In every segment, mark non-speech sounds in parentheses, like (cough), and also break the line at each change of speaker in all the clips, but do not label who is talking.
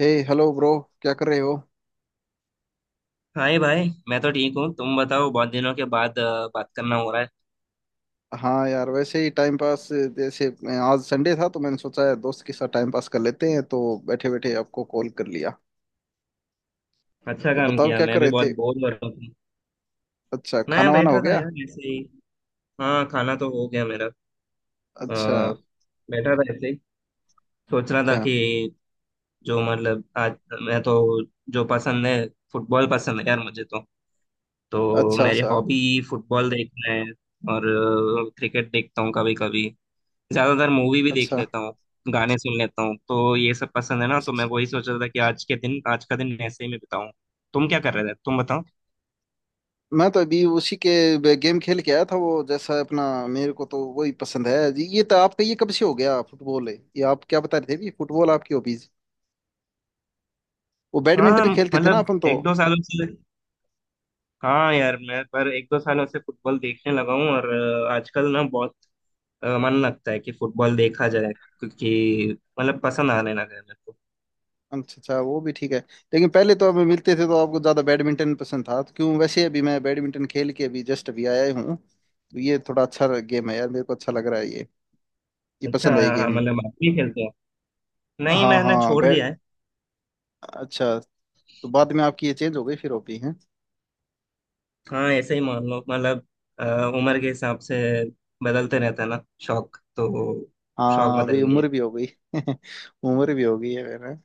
हे hello bro. क्या कर रहे हो?
हाय भाई। मैं तो ठीक हूँ। तुम बताओ। बहुत दिनों के बाद बात करना हो रहा है।
हाँ यार, वैसे ही टाइम पास जैसे। आज संडे था तो मैंने सोचा है दोस्त के साथ टाइम पास कर लेते हैं, तो बैठे बैठे आपको कॉल कर लिया।
अच्छा
तो
काम
बताओ
किया।
क्या
मैं
कर
भी
रहे
बहुत
थे?
बोर हो रहा हूँ।
अच्छा,
मैं
खाना वाना हो
बैठा था
गया?
यार ऐसे ही। हाँ, खाना तो हो गया मेरा। अ,
अच्छा।
बैठा था ऐसे ही। सोच रहा था
अच्छा।
कि जो मतलब आज मैं तो जो पसंद है। फुटबॉल पसंद है यार मुझे तो
अच्छा
मेरी
सा।
हॉबी फुटबॉल देखना है। और क्रिकेट देखता हूँ कभी कभी। ज्यादातर मूवी भी देख
अच्छा।
लेता हूँ। गाने सुन लेता हूँ तो ये सब पसंद है ना। तो
अच्छा
मैं
सा।
वही सोच रहा था कि आज का दिन ऐसे ही मैं बिताऊं। तुम क्या कर रहे थे तुम बताओ।
मैं तो अभी उसी के गेम खेल के आया था। वो जैसा अपना, मेरे को तो वही पसंद है जी। ये तो आपका ये कब से हो गया फुटबॉल है? ये आप क्या बता रहे थे भी, फुटबॉल आपकी हॉबीज? वो
हाँ
बैडमिंटन खेलते थे ना
मतलब
अपन तो।
एक दो सालों से। हाँ यार मैं पर एक दो सालों से फुटबॉल देखने लगा हूँ। और आजकल ना बहुत मन लगता है कि फुटबॉल देखा जाए क्योंकि मतलब पसंद आने लगा है मेरे को।
अच्छा अच्छा, वो भी ठीक है। लेकिन पहले तो हमें मिलते थे तो आपको ज्यादा बैडमिंटन पसंद था। तो क्यों, वैसे अभी मैं बैडमिंटन खेल के अभी जस्ट अभी आया हूँ, तो ये थोड़ा अच्छा गेम है यार, मेरे को अच्छा लग रहा है ये। ये
अच्छा।
पसंद है ये
हाँ,
गेम।
मतलब आप भी खेलते हो। नहीं,
हाँ
मैंने
हाँ
छोड़
बैट
दिया है।
अच्छा। तो बाद में आपकी ये चेंज हो गई फिर हॉबी है?
हाँ ऐसे ही मान लो मतलब अ, उम्र के हिसाब से बदलते रहता है ना शौक तो। शौक
हाँ अभी
बदल गई
उम्र
है।
भी हो गई। (laughs) उम्र भी हो गई है मेरा।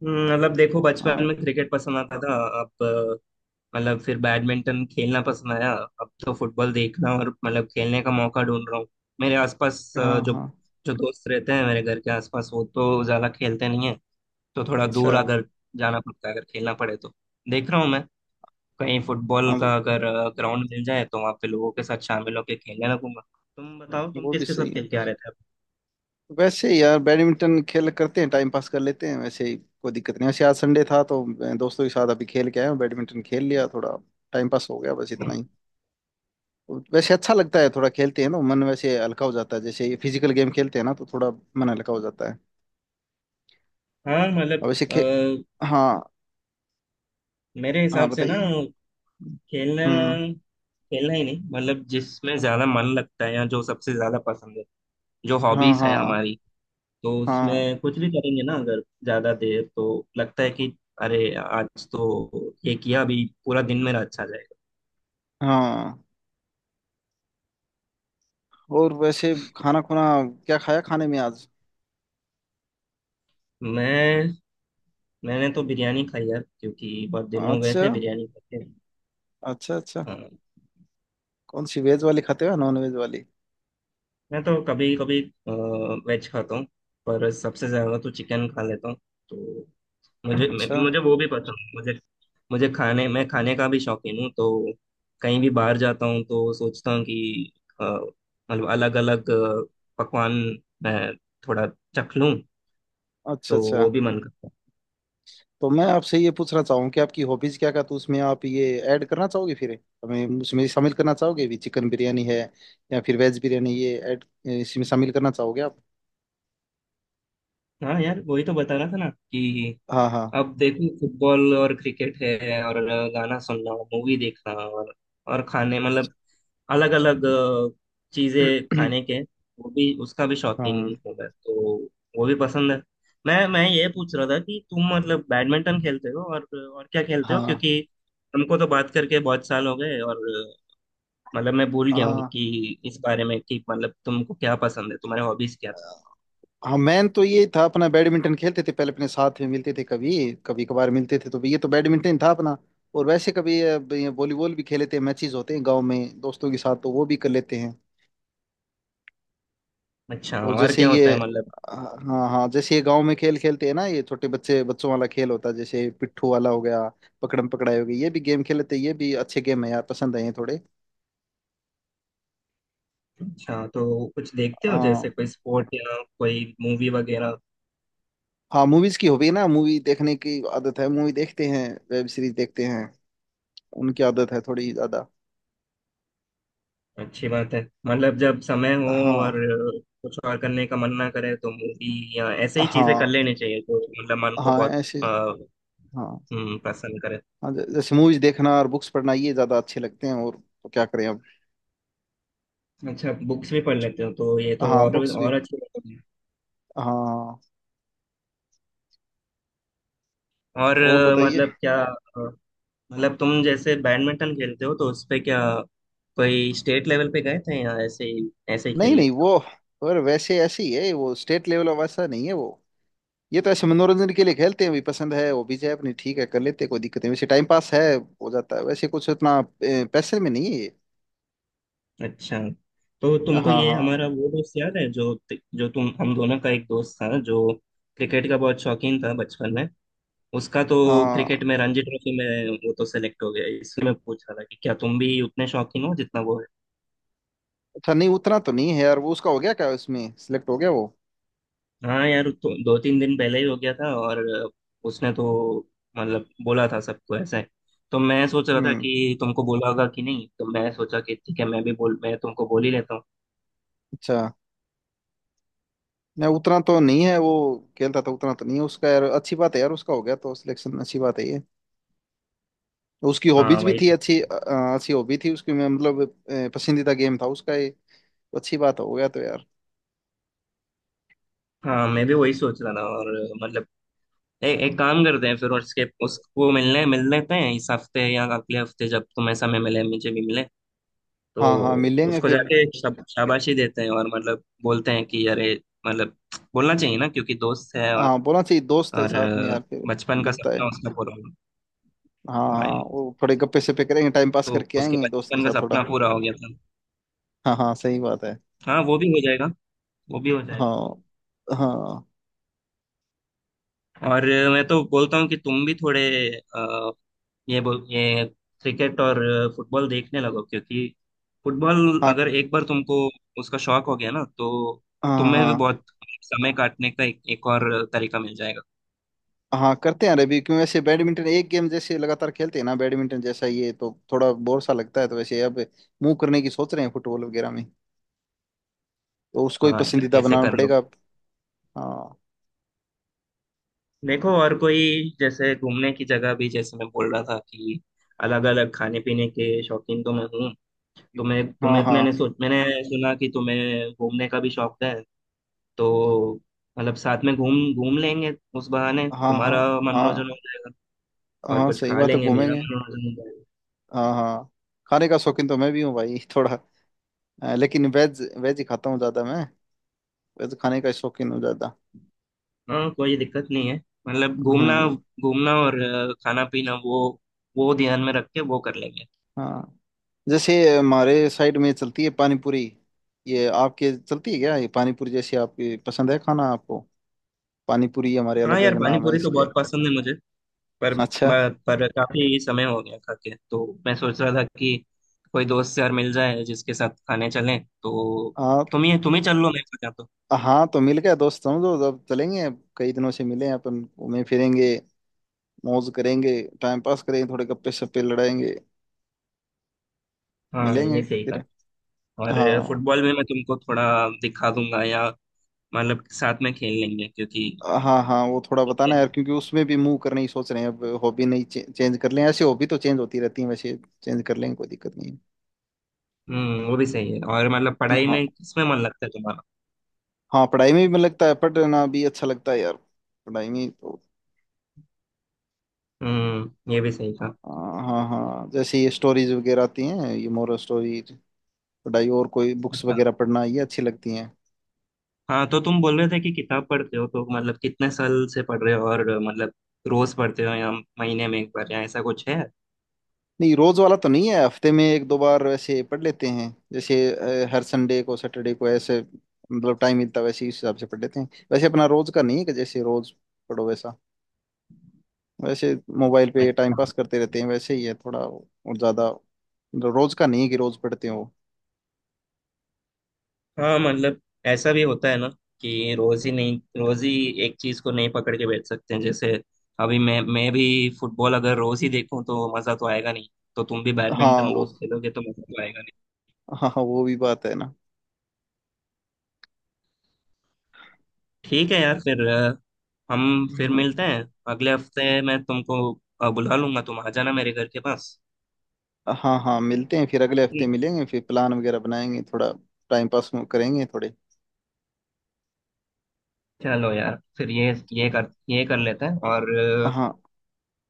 मतलब देखो बचपन
हाँ
में क्रिकेट पसंद आता था। अब मतलब फिर बैडमिंटन खेलना पसंद आया। अब तो फुटबॉल देखना और मतलब खेलने का मौका ढूंढ रहा हूँ। मेरे आसपास
हाँ
जो
हाँ।
जो दोस्त रहते हैं मेरे घर के आसपास वो तो ज्यादा खेलते नहीं है। तो थोड़ा
अच्छा।
दूर अगर जाना पड़ता है अगर खेलना पड़े तो। देख रहा हूँ मैं कहीं फुटबॉल
हाँ,
का अगर ग्राउंड मिल जाए तो वहां पे लोगों के साथ शामिल होकर खेलने लगूंगा। तुम बताओ तुम
वो भी
किसके साथ
सही है।
खेल के आ रहे थे।
वैसे यार बैडमिंटन खेल करते हैं टाइम पास कर लेते हैं, वैसे ही कोई दिक्कत नहीं। वैसे आज संडे था तो मैं दोस्तों के साथ अभी खेल के आया हूँ, बैडमिंटन खेल लिया थोड़ा। टाइम पास हो गया बस इतना
अब।
ही। तो वैसे अच्छा लगता है, थोड़ा खेलते हैं ना, मन वैसे हल्का हो जाता है। जैसे ये फिजिकल गेम खेलते हैं ना तो थोड़ा मन हल्का हो जाता है।
हाँ मतलब
और वैसे
अ,
खे हाँ
मेरे
हाँ,
हिसाब से ना
बताइए।
खेलना
हम्म।
खेलना ही नहीं मतलब जिसमें ज्यादा मन लगता है या जो सबसे ज्यादा पसंद है। जो
हाँ
हॉबीज है
हाँ
हमारी तो
हाँ
उसमें कुछ भी करेंगे ना। अगर ज्यादा देर तो लगता है कि अरे आज तो ये किया अभी पूरा दिन मेरा अच्छा जाएगा।
हाँ। और वैसे खाना खुना, क्या खाया खाने में आज?
मैं मैंने तो बिरयानी खाई यार क्योंकि बहुत दिन हो गए
अच्छा
थे बिरयानी
अच्छा। अच्छा
खाते।
कौन सी, वेज वाली खाते हो या नॉन वेज वाली?
मैं तो कभी कभी वेज खाता हूँ पर सबसे ज्यादा तो चिकन खा लेता हूँ। तो मुझे
अच्छा
मुझे वो भी पसंद है। मुझे मुझे खाने मैं खाने का भी शौकीन हूँ। तो कहीं भी बाहर जाता हूँ तो सोचता हूँ कि अ, मतलब अलग अलग पकवान मैं थोड़ा चख लूँ
अच्छा
तो
अच्छा।
वो भी मन करता
तो मैं आपसे ये पूछना चाहूँ कि आपकी हॉबीज क्या क्या, तो उसमें आप ये ऐड करना चाहोगे फिर? हमें उसमें शामिल करना चाहोगे भी, चिकन बिरयानी है या फिर वेज बिरयानी, ये ऐड इसमें शामिल करना चाहोगे आप?
है। हाँ यार वही तो बता रहा था ना कि
हाँ हाँ।
अब देखो फुटबॉल और क्रिकेट है। और गाना सुनना मूवी देखना और खाने मतलब अलग अलग चीजें
(clears throat)
खाने के वो भी उसका भी शौकीन
हाँ
हूँ मैं तो। वो भी पसंद है। मैं ये पूछ रहा था कि तुम मतलब बैडमिंटन खेलते हो और क्या खेलते हो
हाँ
क्योंकि हमको तो बात करके बहुत साल हो गए। और मतलब मैं भूल गया हूँ
हाँ।
कि इस बारे में कि मतलब तुमको क्या पसंद है तुम्हारे हॉबीज क्या थे।
हाँ मैन तो ये था अपना, बैडमिंटन खेलते थे पहले। अपने साथ में मिलते थे कभी कभी कभार, मिलते थे तो भी ये तो बैडमिंटन था अपना। और वैसे कभी ये वॉलीबॉल भी खेलते हैं, मैचेस होते हैं गांव में दोस्तों के साथ, तो वो भी कर लेते हैं।
अच्छा।
और
और
जैसे
क्या होता
ये
है मतलब।
हाँ हाँ, जैसे ये गांव में खेल खेलते हैं ना, ये छोटे बच्चे बच्चों वाला खेल होता है। जैसे पिट्ठू वाला हो गया, पकड़म पकड़ाई हो गई, ये भी गेम खेलते हैं। ये भी अच्छे गेम है यार, पसंद है ये थोड़े।
अच्छा, तो कुछ देखते हो
हाँ
जैसे कोई स्पोर्ट या कोई मूवी वगैरह।
हाँ। मूवीज की हॉबी है ना, मूवी देखने की आदत है। मूवी देखते हैं, वेब सीरीज देखते हैं, उनकी आदत है थोड़ी ज्यादा।
अच्छी बात है। मतलब जब समय हो और
हाँ
कुछ और करने का मन ना करे तो मूवी या ऐसे ही चीजें कर
हाँ
लेनी चाहिए। तो मतलब मन को
हाँ
बहुत
ऐसे।
अ,
हाँ
प्रसन्न करे।
हाँ जैसे मूवीज देखना और बुक्स पढ़ना ये ज्यादा अच्छे लगते हैं, और तो क्या करें अब।
अच्छा बुक्स भी पढ़ लेते हो तो ये तो
हाँ
और
बुक्स भी।
और अच्छी बात है।
हाँ
और
और बताइए।
मतलब क्या मतलब तुम जैसे बैडमिंटन खेलते हो तो उस पे क्या कोई स्टेट लेवल पे गए थे या ऐसे ही खेल
नहीं नहीं
लेते
वो, और वैसे ऐसे ही है वो, स्टेट लेवल वैसा नहीं है वो। ये तो ऐसे मनोरंजन के लिए खेलते हैं, भी पसंद है वो भी है अपनी, ठीक है कर लेते हैं कोई दिक्कत नहीं। वैसे टाइम पास है, हो जाता है। वैसे कुछ उतना पैसे में नहीं है ये।
हो। अच्छा, तो तुमको
हाँ
ये
हाँ
हमारा वो दोस्त याद है जो जो तुम हम दोनों का एक दोस्त था जो क्रिकेट का बहुत शौकीन था बचपन में। उसका तो क्रिकेट
हाँ।
में रणजी ट्रॉफी में वो तो सेलेक्ट हो गया। इसलिए मैं पूछ रहा था कि क्या तुम भी उतने शौकीन हो जितना वो है।
अच्छा, नहीं उतना तो नहीं है यार वो। उसका हो गया क्या, उसमें सिलेक्ट हो गया वो?
हाँ यार, तो दो तीन दिन पहले ही हो गया था। और उसने तो मतलब बोला था सबको ऐसा है। तो मैं सोच रहा था
हम्म।
कि तुमको बोला होगा कि नहीं। तो मैं सोचा कि ठीक है मैं तुमको बोल ही लेता हूँ।
अच्छा। नहीं उतना तो नहीं है वो। खेलता था उतना तो नहीं है उसका। यार अच्छी बात है यार, उसका हो गया तो सिलेक्शन, अच्छी बात है ये। उसकी
हाँ
हॉबीज भी
वही
थी
तो।
अच्छी, अच्छी हॉबी थी उसकी। मैं मतलब पसंदीदा गेम था उसका ये, तो अच्छी बात हो गया तो यार।
हाँ मैं भी वही सोच रहा था। और मतलब एक काम करते हैं फिर और उसके उसको मिलने मिल लेते हैं इस हफ्ते या अगले हफ्ते जब तुम्हें समय मिले मुझे भी मिले। तो
हाँ हाँ, मिलेंगे
उसको
फिर।
जाके शाबाशी देते हैं और मतलब बोलते हैं कि अरे मतलब बोलना चाहिए ना क्योंकि दोस्त है। और
हाँ बोलना चाहिए, दोस्त है
और
साथ में यार फिर।
बचपन का
बनता है।
सपना उसका पूरा हो गया।
हाँ
हाँ
हाँ
यार,
वो थोड़े गप्पे सप्पे करेंगे, टाइम पास
तो
करके
उसके
आएंगे दोस्त के
बचपन का
साथ थोड़ा।
सपना पूरा हो गया था।
हाँ हाँ सही बात है।
हाँ वो भी हो जाएगा। वो भी हो जाएगा।
हाँ हाँ
और मैं तो बोलता हूँ कि तुम भी थोड़े अ, ये क्रिकेट और फुटबॉल देखने लगो क्योंकि फुटबॉल
हाँ
अगर एक बार तुमको उसका शौक हो गया ना। तो
हाँ
तुम्हें भी
हाँ।
बहुत समय काटने का एक और तरीका मिल जाएगा।
हाँ करते हैं यार अभी। क्यों, वैसे बैडमिंटन एक गेम जैसे लगातार खेलते हैं ना बैडमिंटन जैसा, ये तो थोड़ा बोर सा लगता है, तो वैसे अब मूव करने की सोच रहे हैं फुटबॉल वगैरह में। तो उसको ही
हाँ यार
पसंदीदा
ऐसे
बनाना
कर लो।
पड़ेगा। हाँ
देखो और कोई जैसे घूमने की जगह भी जैसे मैं बोल रहा था कि अलग अलग खाने पीने के शौकीन तो मैं हूँ। तुम्हें
हाँ
तुम्हें तो
हाँ
मैंने सुना कि तुम्हें घूमने का भी शौक है। तो मतलब साथ में घूम घूम लेंगे। उस बहाने
हाँ
तुम्हारा
हाँ
मनोरंजन हो
हाँ।
जाएगा और
हाँ
कुछ
सही
खा
बात है
लेंगे मेरा
घूमेंगे।
मनोरंजन हो जाएगा।
हाँ हाँ। खाने का शौकीन तो मैं भी हूँ भाई। (laughs) थोड़ा लेकिन वेज वेज ही खाता हूँ ज़्यादा मैं, वेज खाने का शौकीन हूँ ज़्यादा।
हाँ कोई दिक्कत नहीं है। मतलब घूमना
हम्म।
घूमना और खाना पीना वो ध्यान में रख के वो कर लेंगे।
हाँ, जैसे हमारे साइड में चलती है पानी पूरी, ये आपके चलती है क्या ये पानी पूरी? जैसे आपकी पसंद है खाना आपको, पानी पूरी हमारे
हाँ
अलग
यार
अलग
पानी
नाम है
पूरी तो
इसके।
बहुत पसंद है मुझे। पर
(laughs) अच्छा।
पर पर काफी समय हो गया खा के। तो मैं सोच रहा था कि कोई दोस्त यार मिल जाए जिसके साथ खाने चलें तो।
आप
तुम ही चल लो मेरे साथ या तो।
हाँ तो मिल गया दोस्त समझो, जब चलेंगे कई दिनों से मिले हैं अपन, घूमे फिरेंगे, मौज करेंगे, टाइम पास करेंगे, थोड़े गप्पे शप्पे लड़ाएंगे।
हाँ ये
मिलेंगे
सही कहा।
फिर।
और
हाँ
फुटबॉल में मैं तुमको थोड़ा दिखा दूंगा या मतलब साथ में खेल लेंगे क्योंकि
हाँ। हाँ वो थोड़ा बताना
देखते
यार,
हैं।
क्योंकि उसमें भी मूव करने ही सोच रहे हैं। अब हॉबी नहीं चेंज कर लें, ऐसे हॉबी तो चेंज होती रहती है वैसे। चेंज कर लेंगे, कोई दिक्कत नहीं है।
वो भी सही है। और मतलब पढ़ाई
हाँ
में किसमें मन लगता है तुम्हारा।
हाँ, पढ़ाई में भी मन लगता है। पढ़ना भी अच्छा लगता है यार, पढ़ाई में तो।
ये भी सही कहा।
हाँ हाँ हाँ, जैसे ये स्टोरीज वगैरह आती हैं ये मोरल स्टोरी, पढ़ाई और कोई बुक्स
अच्छा।
वगैरह पढ़ना, ये अच्छी लगती हैं।
हाँ तो तुम बोल रहे थे कि किताब पढ़ते हो तो मतलब कितने साल से पढ़ रहे हो और मतलब रोज पढ़ते हो या महीने में एक बार या ऐसा कुछ है।
नहीं रोज वाला तो नहीं है, हफ्ते में एक दो बार वैसे पढ़ लेते हैं। जैसे हर संडे को, सैटरडे को ऐसे मतलब टाइम मिलता है वैसे, इस हिसाब से पढ़ लेते हैं। वैसे अपना रोज का नहीं है कि जैसे रोज पढ़ो वैसा। वैसे मोबाइल पे टाइम
अच्छा।
पास करते रहते हैं वैसे ही है थोड़ा और ज्यादा, मतलब रोज का नहीं है कि रोज पढ़ते हो।
हाँ मतलब ऐसा भी होता है ना कि रोज ही नहीं रोज ही एक चीज को नहीं पकड़ के बैठ सकते हैं। जैसे अभी मैं भी फुटबॉल अगर रोज ही देखूं तो मजा तो आएगा नहीं। तो तुम भी
हाँ
बैडमिंटन
वो।
रोज खेलोगे तो मजा तो आएगा नहीं।
हाँ हाँ वो भी बात है ना।
ठीक है यार फिर हम फिर
हम्म।
मिलते हैं। अगले हफ्ते मैं तुमको बुला लूंगा। तुम आ जाना मेरे घर के पास।
हाँ हाँ मिलते हैं फिर, अगले हफ्ते
ठीक है?
मिलेंगे फिर, प्लान वगैरह बनाएंगे थोड़ा। टाइम पास करेंगे थोड़े।
चलो यार फिर
ठीक।
ये कर लेते हैं। और
हाँ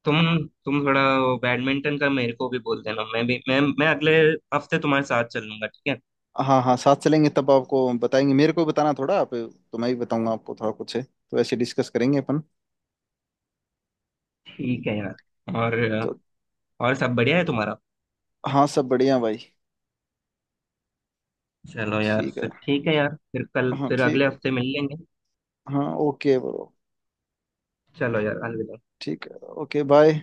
तुम तुम थोड़ा वो बैडमिंटन का मेरे को भी बोल देना। मैं भी मैं अगले हफ्ते तुम्हारे साथ चल लूंगा। ठीक है?
हाँ हाँ, साथ चलेंगे तब आपको बताएंगे। मेरे को बताना थोड़ा आप, तो मैं ही बताऊंगा आपको, थोड़ा कुछ है तो ऐसे डिस्कस करेंगे अपन।
ठीक है यार। और
तो
और सब बढ़िया है तुम्हारा।
हाँ, सब बढ़िया भाई।
चलो यार
ठीक है।
फिर। ठीक है यार फिर कल
हाँ
फिर अगले
ठीक है।
हफ्ते मिल लेंगे।
हाँ ओके ब्रो।
चलो यार अलविदा।
ठीक है। Okay bye.